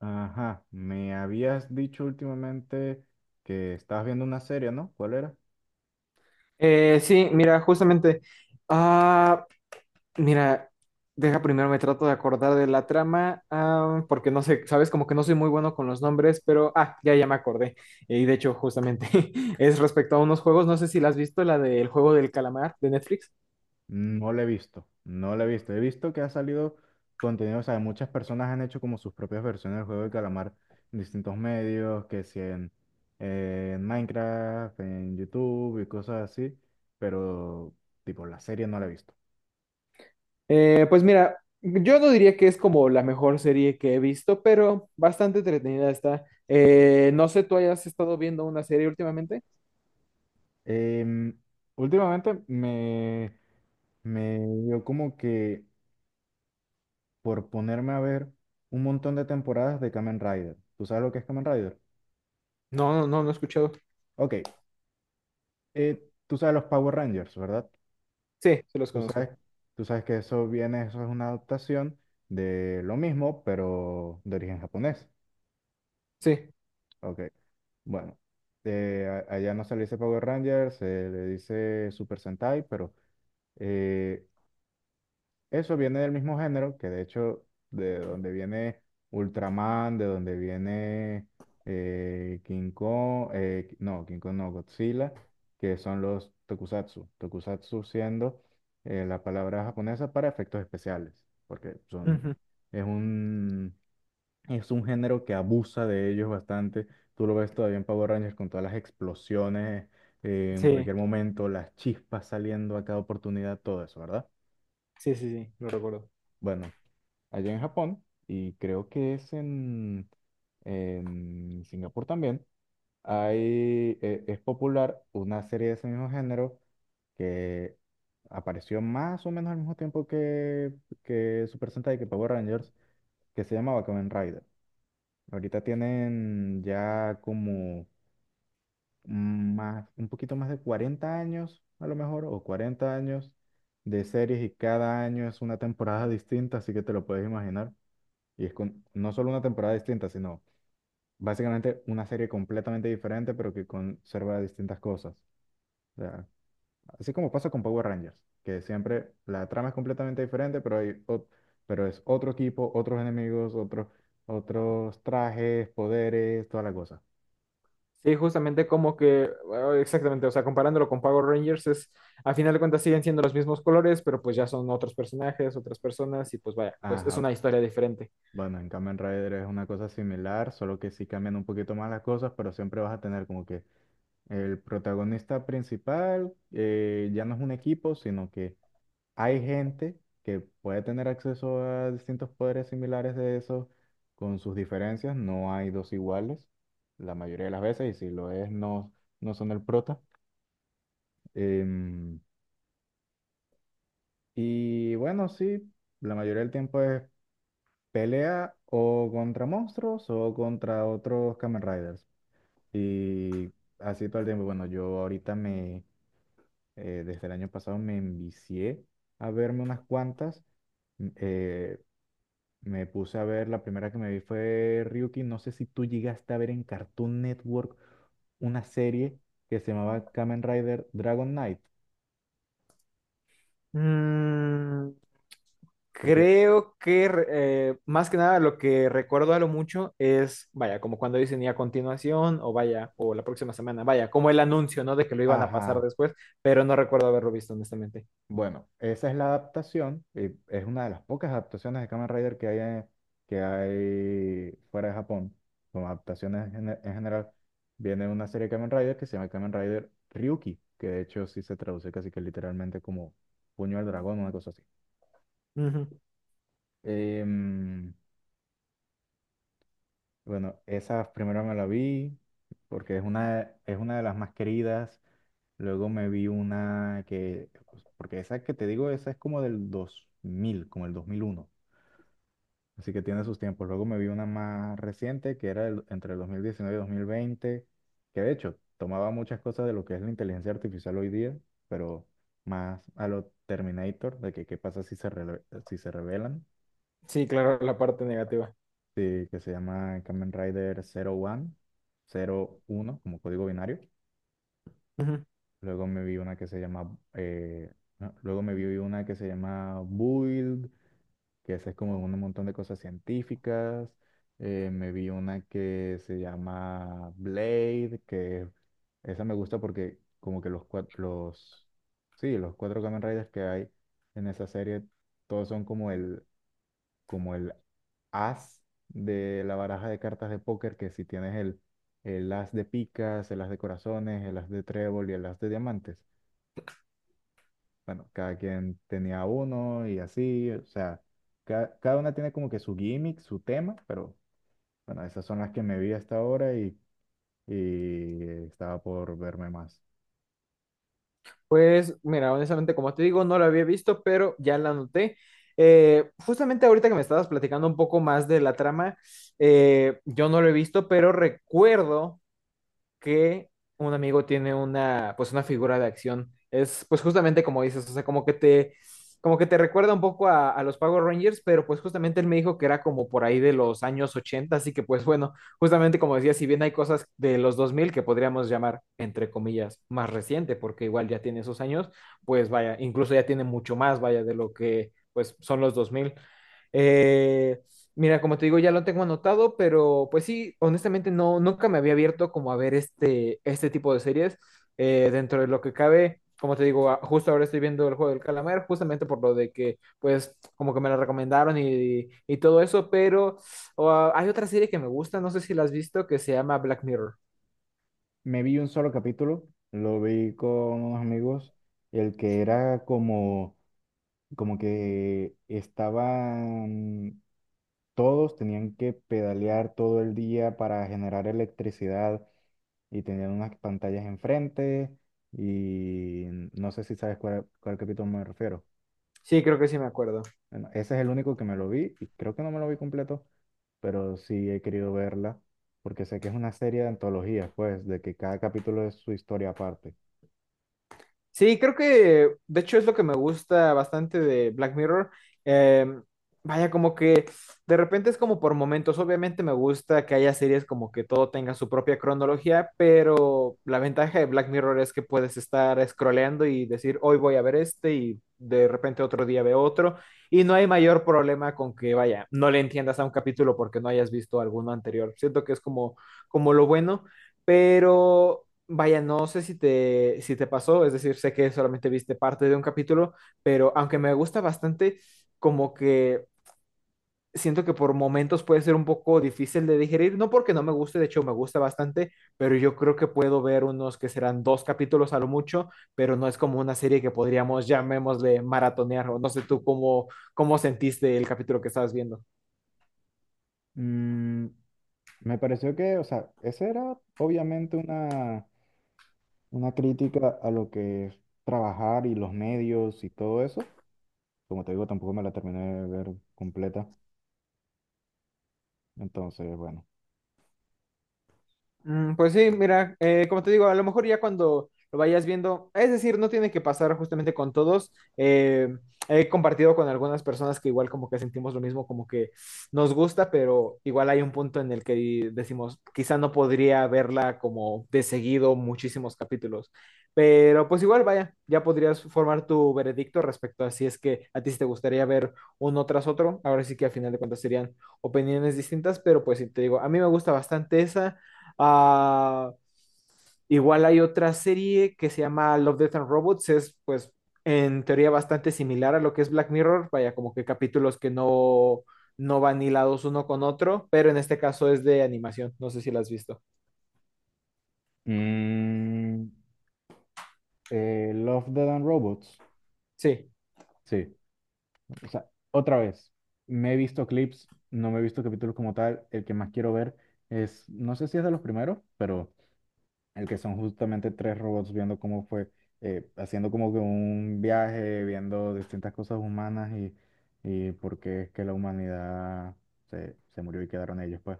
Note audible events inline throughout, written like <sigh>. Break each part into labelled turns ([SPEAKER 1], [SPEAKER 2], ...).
[SPEAKER 1] Ajá, me habías dicho últimamente que estabas viendo una serie, ¿no? ¿Cuál era?
[SPEAKER 2] Sí, mira, justamente. Ah, mira, deja primero me trato de acordar de la trama, porque no sé, sabes, como que no soy muy bueno con los nombres, pero ya me acordé. Y de hecho, justamente <laughs> es respecto a unos juegos, no sé si la has visto, la del juego del calamar de Netflix.
[SPEAKER 1] No la he visto, no la he visto. He visto que ha salido contenido, o sea, muchas personas han hecho como sus propias versiones del juego de calamar en distintos medios, que si en, en Minecraft, en YouTube y cosas así, pero tipo la serie no la he visto.
[SPEAKER 2] Pues mira, yo no diría que es como la mejor serie que he visto, pero bastante entretenida está. No sé, ¿tú hayas estado viendo una serie últimamente?
[SPEAKER 1] Em, Últimamente me dio como que por ponerme a ver un montón de temporadas de Kamen Rider. ¿Tú sabes lo que es Kamen Rider?
[SPEAKER 2] No, no, no, no he escuchado.
[SPEAKER 1] Ok, tú sabes los Power Rangers, ¿verdad?
[SPEAKER 2] Sí, se los
[SPEAKER 1] Tú sabes,
[SPEAKER 2] conozco.
[SPEAKER 1] tú sabes que eso viene, eso es una adaptación de lo mismo, pero de origen japonés.
[SPEAKER 2] Sí.
[SPEAKER 1] Ok, bueno, allá no se le dice Power Ranger, se le dice Super Sentai, pero eh, eso viene del mismo género, que de hecho, de donde viene Ultraman, de donde viene King Kong, no, King Kong no, Godzilla, que son los tokusatsu. Tokusatsu siendo la palabra japonesa para efectos especiales, porque son,
[SPEAKER 2] Ujú.
[SPEAKER 1] es un, es un género que abusa de ellos bastante. Tú lo ves todavía en Power Rangers con todas las explosiones en
[SPEAKER 2] Sí.
[SPEAKER 1] cualquier momento, las chispas saliendo a cada oportunidad, todo eso, ¿verdad?
[SPEAKER 2] Sí, sí, sí, lo recuerdo.
[SPEAKER 1] Bueno, allá en Japón, y creo que es en Singapur también, es popular una serie de ese mismo género que apareció más o menos al mismo tiempo que Super Sentai, que Power Rangers, que se llamaba Kamen Rider. Ahorita tienen ya como más, un poquito más de 40 años, a lo mejor, o 40 años de series y cada año es una temporada distinta, así que te lo puedes imaginar. Y es con no solo una temporada distinta, sino básicamente una serie completamente diferente, pero que conserva distintas cosas. O sea, así como pasa con Power Rangers, que siempre la trama es completamente diferente, pero pero es otro equipo, otros enemigos, otros trajes, poderes, toda la cosa.
[SPEAKER 2] Sí, justamente como que, bueno, exactamente, o sea, comparándolo con Power Rangers, es, a final de cuentas siguen siendo los mismos colores, pero pues ya son otros personajes, otras personas, y pues vaya, pues es
[SPEAKER 1] Ajá.
[SPEAKER 2] una historia diferente.
[SPEAKER 1] Bueno, en Kamen Rider es una cosa similar, solo que sí cambian un poquito más las cosas, pero siempre vas a tener como que el protagonista principal ya no es un equipo, sino que hay gente que puede tener acceso a distintos poderes similares de esos con sus diferencias. No hay dos iguales la mayoría de las veces y si lo es no son el prota. Em, y bueno, sí, la mayoría del tiempo es pelea o contra monstruos o contra otros Kamen Riders. Y así todo el tiempo. Bueno, yo ahorita desde el año pasado me envicié a verme unas cuantas. m- eh, Me puse a ver, la primera que me vi fue Ryuki. No sé si tú llegaste a ver en Cartoon Network una serie que se llamaba Kamen Rider Dragon Knight,
[SPEAKER 2] Mm,
[SPEAKER 1] porque,
[SPEAKER 2] creo que re- más que nada lo que recuerdo a lo mucho es, vaya, como cuando dicen y a continuación, o vaya, o la próxima semana, vaya, como el anuncio, ¿no? De que lo iban a pasar
[SPEAKER 1] ajá,
[SPEAKER 2] después, pero no recuerdo haberlo visto, honestamente.
[SPEAKER 1] bueno, esa es la adaptación, es una de las pocas adaptaciones de Kamen Rider que hay, que hay fuera de Japón, como adaptaciones en general. Viene una serie de Kamen Rider que se llama Kamen Rider Ryuki, que de hecho sí se traduce casi que literalmente como puño al dragón, una cosa así.
[SPEAKER 2] Ujú.
[SPEAKER 1] Em, Bueno, esas primero me la vi porque es una de las más queridas. Luego me vi una que, pues, porque esa que te digo, esa es como del 2000, como el 2001. Así que tiene sus tiempos. Luego me vi una más reciente que era el- entre el 2019 y 2020, que de hecho tomaba muchas cosas de lo que es la inteligencia artificial hoy día, pero más a lo Terminator, de que qué pasa si si se revelan.
[SPEAKER 2] Sí, claro, la parte negativa.
[SPEAKER 1] Sí, que se llama Kamen Rider 01, 01 como código binario. Luego me vi una que se llama, no, luego me vi una que se llama Build, que esa es como un montón de cosas científicas. Me vi una que se llama Blade, que esa me gusta porque como que sí, los 4 Kamen Riders que hay en esa serie, todos son como como el as de la baraja de cartas de póker, que si tienes el as de picas, el as de corazones, el as de trébol y el as de diamantes. Bueno, cada quien tenía uno y así, o sea, cada una tiene como que su gimmick, su tema, pero bueno, esas son las que me vi hasta ahora y estaba por verme más.
[SPEAKER 2] Pues mira, honestamente, como te digo, no la había visto, pero ya la anoté. Justamente ahorita que me estabas platicando un poco más de la trama, yo no lo he visto, pero recuerdo que un amigo tiene una, pues una figura de acción. Es pues justamente como dices, o sea, como que te recuerda un poco a los Power Rangers, pero pues justamente él me dijo que era como por ahí de los años 80, así que pues bueno, justamente como decía, si bien hay cosas de los 2000 que podríamos llamar, entre comillas, más reciente, porque igual ya tiene esos años, pues vaya, incluso ya tiene mucho más, vaya, de lo que pues son los 2000. Eh, Mira, como te digo, ya lo tengo anotado, pero pues sí, honestamente no, nunca me había abierto como a ver este, este tipo de series. Dentro de lo que cabe, como te digo, justo ahora estoy viendo El Juego del Calamar, justamente por lo de que, pues, como que me la recomendaron y todo eso, pero oh, hay otra serie que me gusta, no sé si la has visto, que se llama Black Mirror.
[SPEAKER 1] Me vi un solo capítulo, lo vi con unos amigos, el que era como, como que estaba todos tenían que pedalear todo el día para generar electricidad y tenían unas pantallas enfrente y no sé si sabes cuál capítulo me refiero.
[SPEAKER 2] Sí, creo que sí me acuerdo.
[SPEAKER 1] Bueno, ese es el único que me lo vi y creo que no me lo vi completo, pero sí he querido verla porque sé que es una serie de antologías, pues, de que cada capítulo es su historia aparte.
[SPEAKER 2] Sí, creo que de hecho es lo que me gusta bastante de Black Mirror. Em, Vaya, como que de repente es como por momentos. Obviamente me gusta que haya series como que todo tenga su propia cronología, pero la ventaja de Black Mirror es que puedes estar scrolleando y decir, hoy voy a ver este y de repente otro día veo otro. Y no hay mayor problema con que, vaya, no le entiendas a un capítulo porque no hayas visto alguno anterior. Siento que es como, como lo bueno, pero... Vaya, no sé si te pasó, es decir, sé que solamente viste parte de un capítulo, pero aunque me gusta bastante, como que siento que por momentos puede ser un poco difícil de digerir, no porque no me guste, de hecho me gusta bastante, pero yo creo que puedo ver unos que serán dos capítulos a lo mucho, pero no es como una serie que podríamos, llamémosle, maratonear, o no sé cómo sentiste el capítulo que estabas viendo.
[SPEAKER 1] Mm, me pareció que, o sea, esa era obviamente una crítica a lo que es trabajar y los medios y todo eso. Como te digo, tampoco me la terminé de ver completa. Entonces, bueno.
[SPEAKER 2] Mm, pues sí, mira, como te digo, a lo mejor ya cuando lo vayas viendo, es decir, no tiene que pasar justamente con todos. eh, He compartido con algunas personas que igual como que sentimos lo mismo, como que nos gusta, pero igual hay un punto en el que decimos, quizá no podría verla como de seguido muchísimos capítulos, pero pues igual vaya, ya podrías formar tu veredicto respecto a si es que a ti sí te gustaría ver uno tras otro. Ahora sí que al final de cuentas serían opiniones distintas, pero pues sí, te digo, a mí me gusta bastante esa. Ah, igual hay otra serie que se llama Love, Death and Robots, es pues en teoría bastante similar a lo que es Black Mirror, vaya, como que capítulos que no, no van hilados uno con otro, pero en este caso es de animación, no sé si la has visto.
[SPEAKER 1] Mm, Love, Death and Robots.
[SPEAKER 2] Sí,
[SPEAKER 1] Sí. O sea, otra vez. Me he visto clips, no me he visto capítulos como tal. El que más quiero ver es, no sé si es de los primeros, pero el que son justamente tres robots viendo cómo fue, haciendo como que un viaje, viendo distintas cosas humanas y por qué es que la humanidad se murió y quedaron ellos, pues.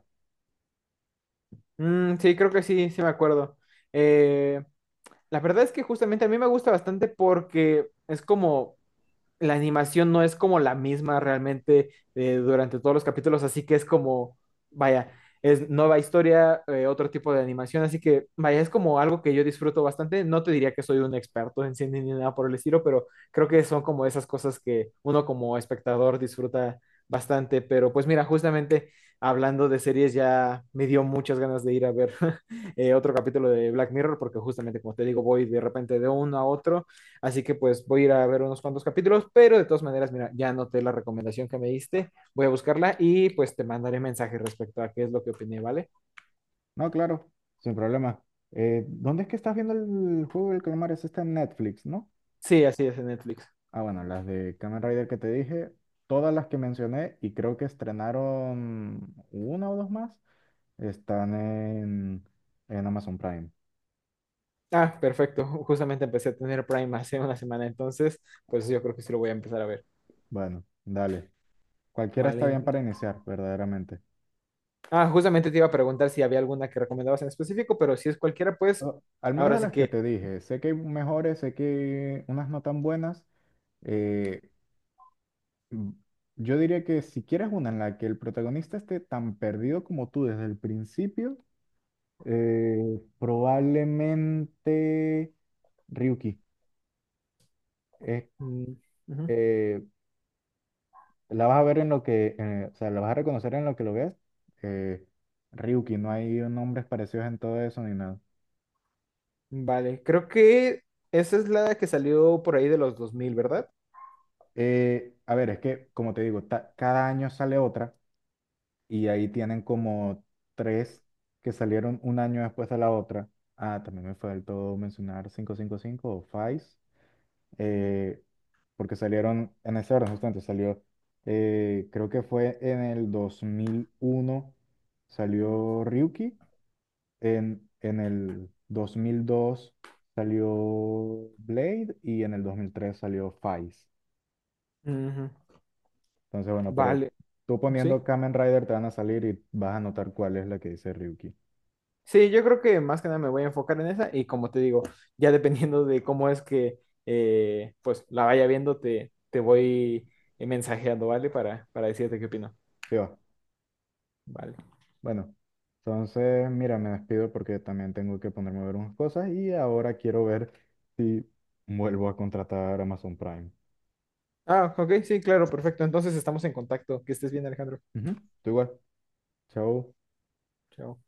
[SPEAKER 2] mm, sí, creo que sí, sí me acuerdo. Eh, la verdad es que justamente a mí me gusta bastante porque es como la animación no es como la misma realmente, durante todos los capítulos, así que es como, vaya, es nueva historia, otro tipo de animación, así que, vaya, es como algo que yo disfruto bastante. No te diría que soy un experto en cine ni nada por el estilo, pero creo que son como esas cosas que uno como espectador disfruta bastante. Pero pues mira, justamente hablando de series ya me dio muchas ganas de ir a ver <laughs> otro capítulo de Black Mirror, porque justamente como te digo, voy de repente de uno a otro. Así que pues voy a ir a ver unos cuantos capítulos, pero de todas maneras, mira, ya anoté la recomendación que me diste, voy a buscarla y pues te mandaré mensaje respecto a qué es lo que opiné, ¿vale?
[SPEAKER 1] No, claro, sin problema. ¿Dónde es que estás viendo el juego del calamar? Es esta en Netflix, ¿no?
[SPEAKER 2] Sí, así es, en Netflix.
[SPEAKER 1] Ah, bueno, las de Kamen Rider que te dije, todas las que mencioné y creo que estrenaron una o dos más, están en Amazon Prime.
[SPEAKER 2] Ah, perfecto. Justamente empecé a tener Prime hace una semana, entonces pues yo creo que sí lo voy a empezar a ver.
[SPEAKER 1] Bueno, dale. Cualquiera está
[SPEAKER 2] Vale.
[SPEAKER 1] bien para iniciar, verdaderamente.
[SPEAKER 2] Ah, justamente te iba a preguntar si había alguna que recomendabas en específico, pero si es cualquiera, pues
[SPEAKER 1] Al menos
[SPEAKER 2] ahora
[SPEAKER 1] de
[SPEAKER 2] sí
[SPEAKER 1] las que
[SPEAKER 2] que...
[SPEAKER 1] te dije, sé que hay mejores, sé que hay unas no tan buenas. eh, Mm, Yo diría que si quieres una en la que el protagonista esté tan perdido como tú desde el principio, probablemente Ryuki. Eh,
[SPEAKER 2] mm, ujú.
[SPEAKER 1] eh, la vas a ver en lo o sea, la vas a reconocer en lo que lo veas. eh, Ryuki, no hay nombres parecidos en todo eso ni nada.
[SPEAKER 2] Vale, creo que esa es la que salió por ahí de los 2000, ¿verdad?
[SPEAKER 1] A ver, es que, como te digo, cada año sale otra. Y ahí tienen como tres que salieron un año después de la otra. Ah, también me faltó mencionar 555 o Vice, eh, porque salieron en ese orden, justamente creo que fue en el 2001, salió Ryuki, en el 2002 salió Blade y en el 2003 salió Vice.
[SPEAKER 2] Ujú.
[SPEAKER 1] Entonces, bueno, pero
[SPEAKER 2] Vale,
[SPEAKER 1] tú
[SPEAKER 2] sí.
[SPEAKER 1] poniendo Kamen Rider te van a salir y vas a notar cuál es la que dice Ryuki.
[SPEAKER 2] Sí, yo creo que más que nada me voy a enfocar en esa y como te digo, ya dependiendo de cómo es que pues la vaya viendo, te voy mensajeando, ¿vale? Para decirte qué opino.
[SPEAKER 1] Sí va.
[SPEAKER 2] Vale.
[SPEAKER 1] Bueno, entonces, mira, me despido porque también tengo que ponerme a ver unas cosas y ahora quiero ver si vuelvo a contratar Amazon Prime.
[SPEAKER 2] Ah, ok, sí, claro, perfecto. Entonces estamos en contacto. Que estés bien, Alejandro.
[SPEAKER 1] Ujú, tú igual. Chao.
[SPEAKER 2] Chao.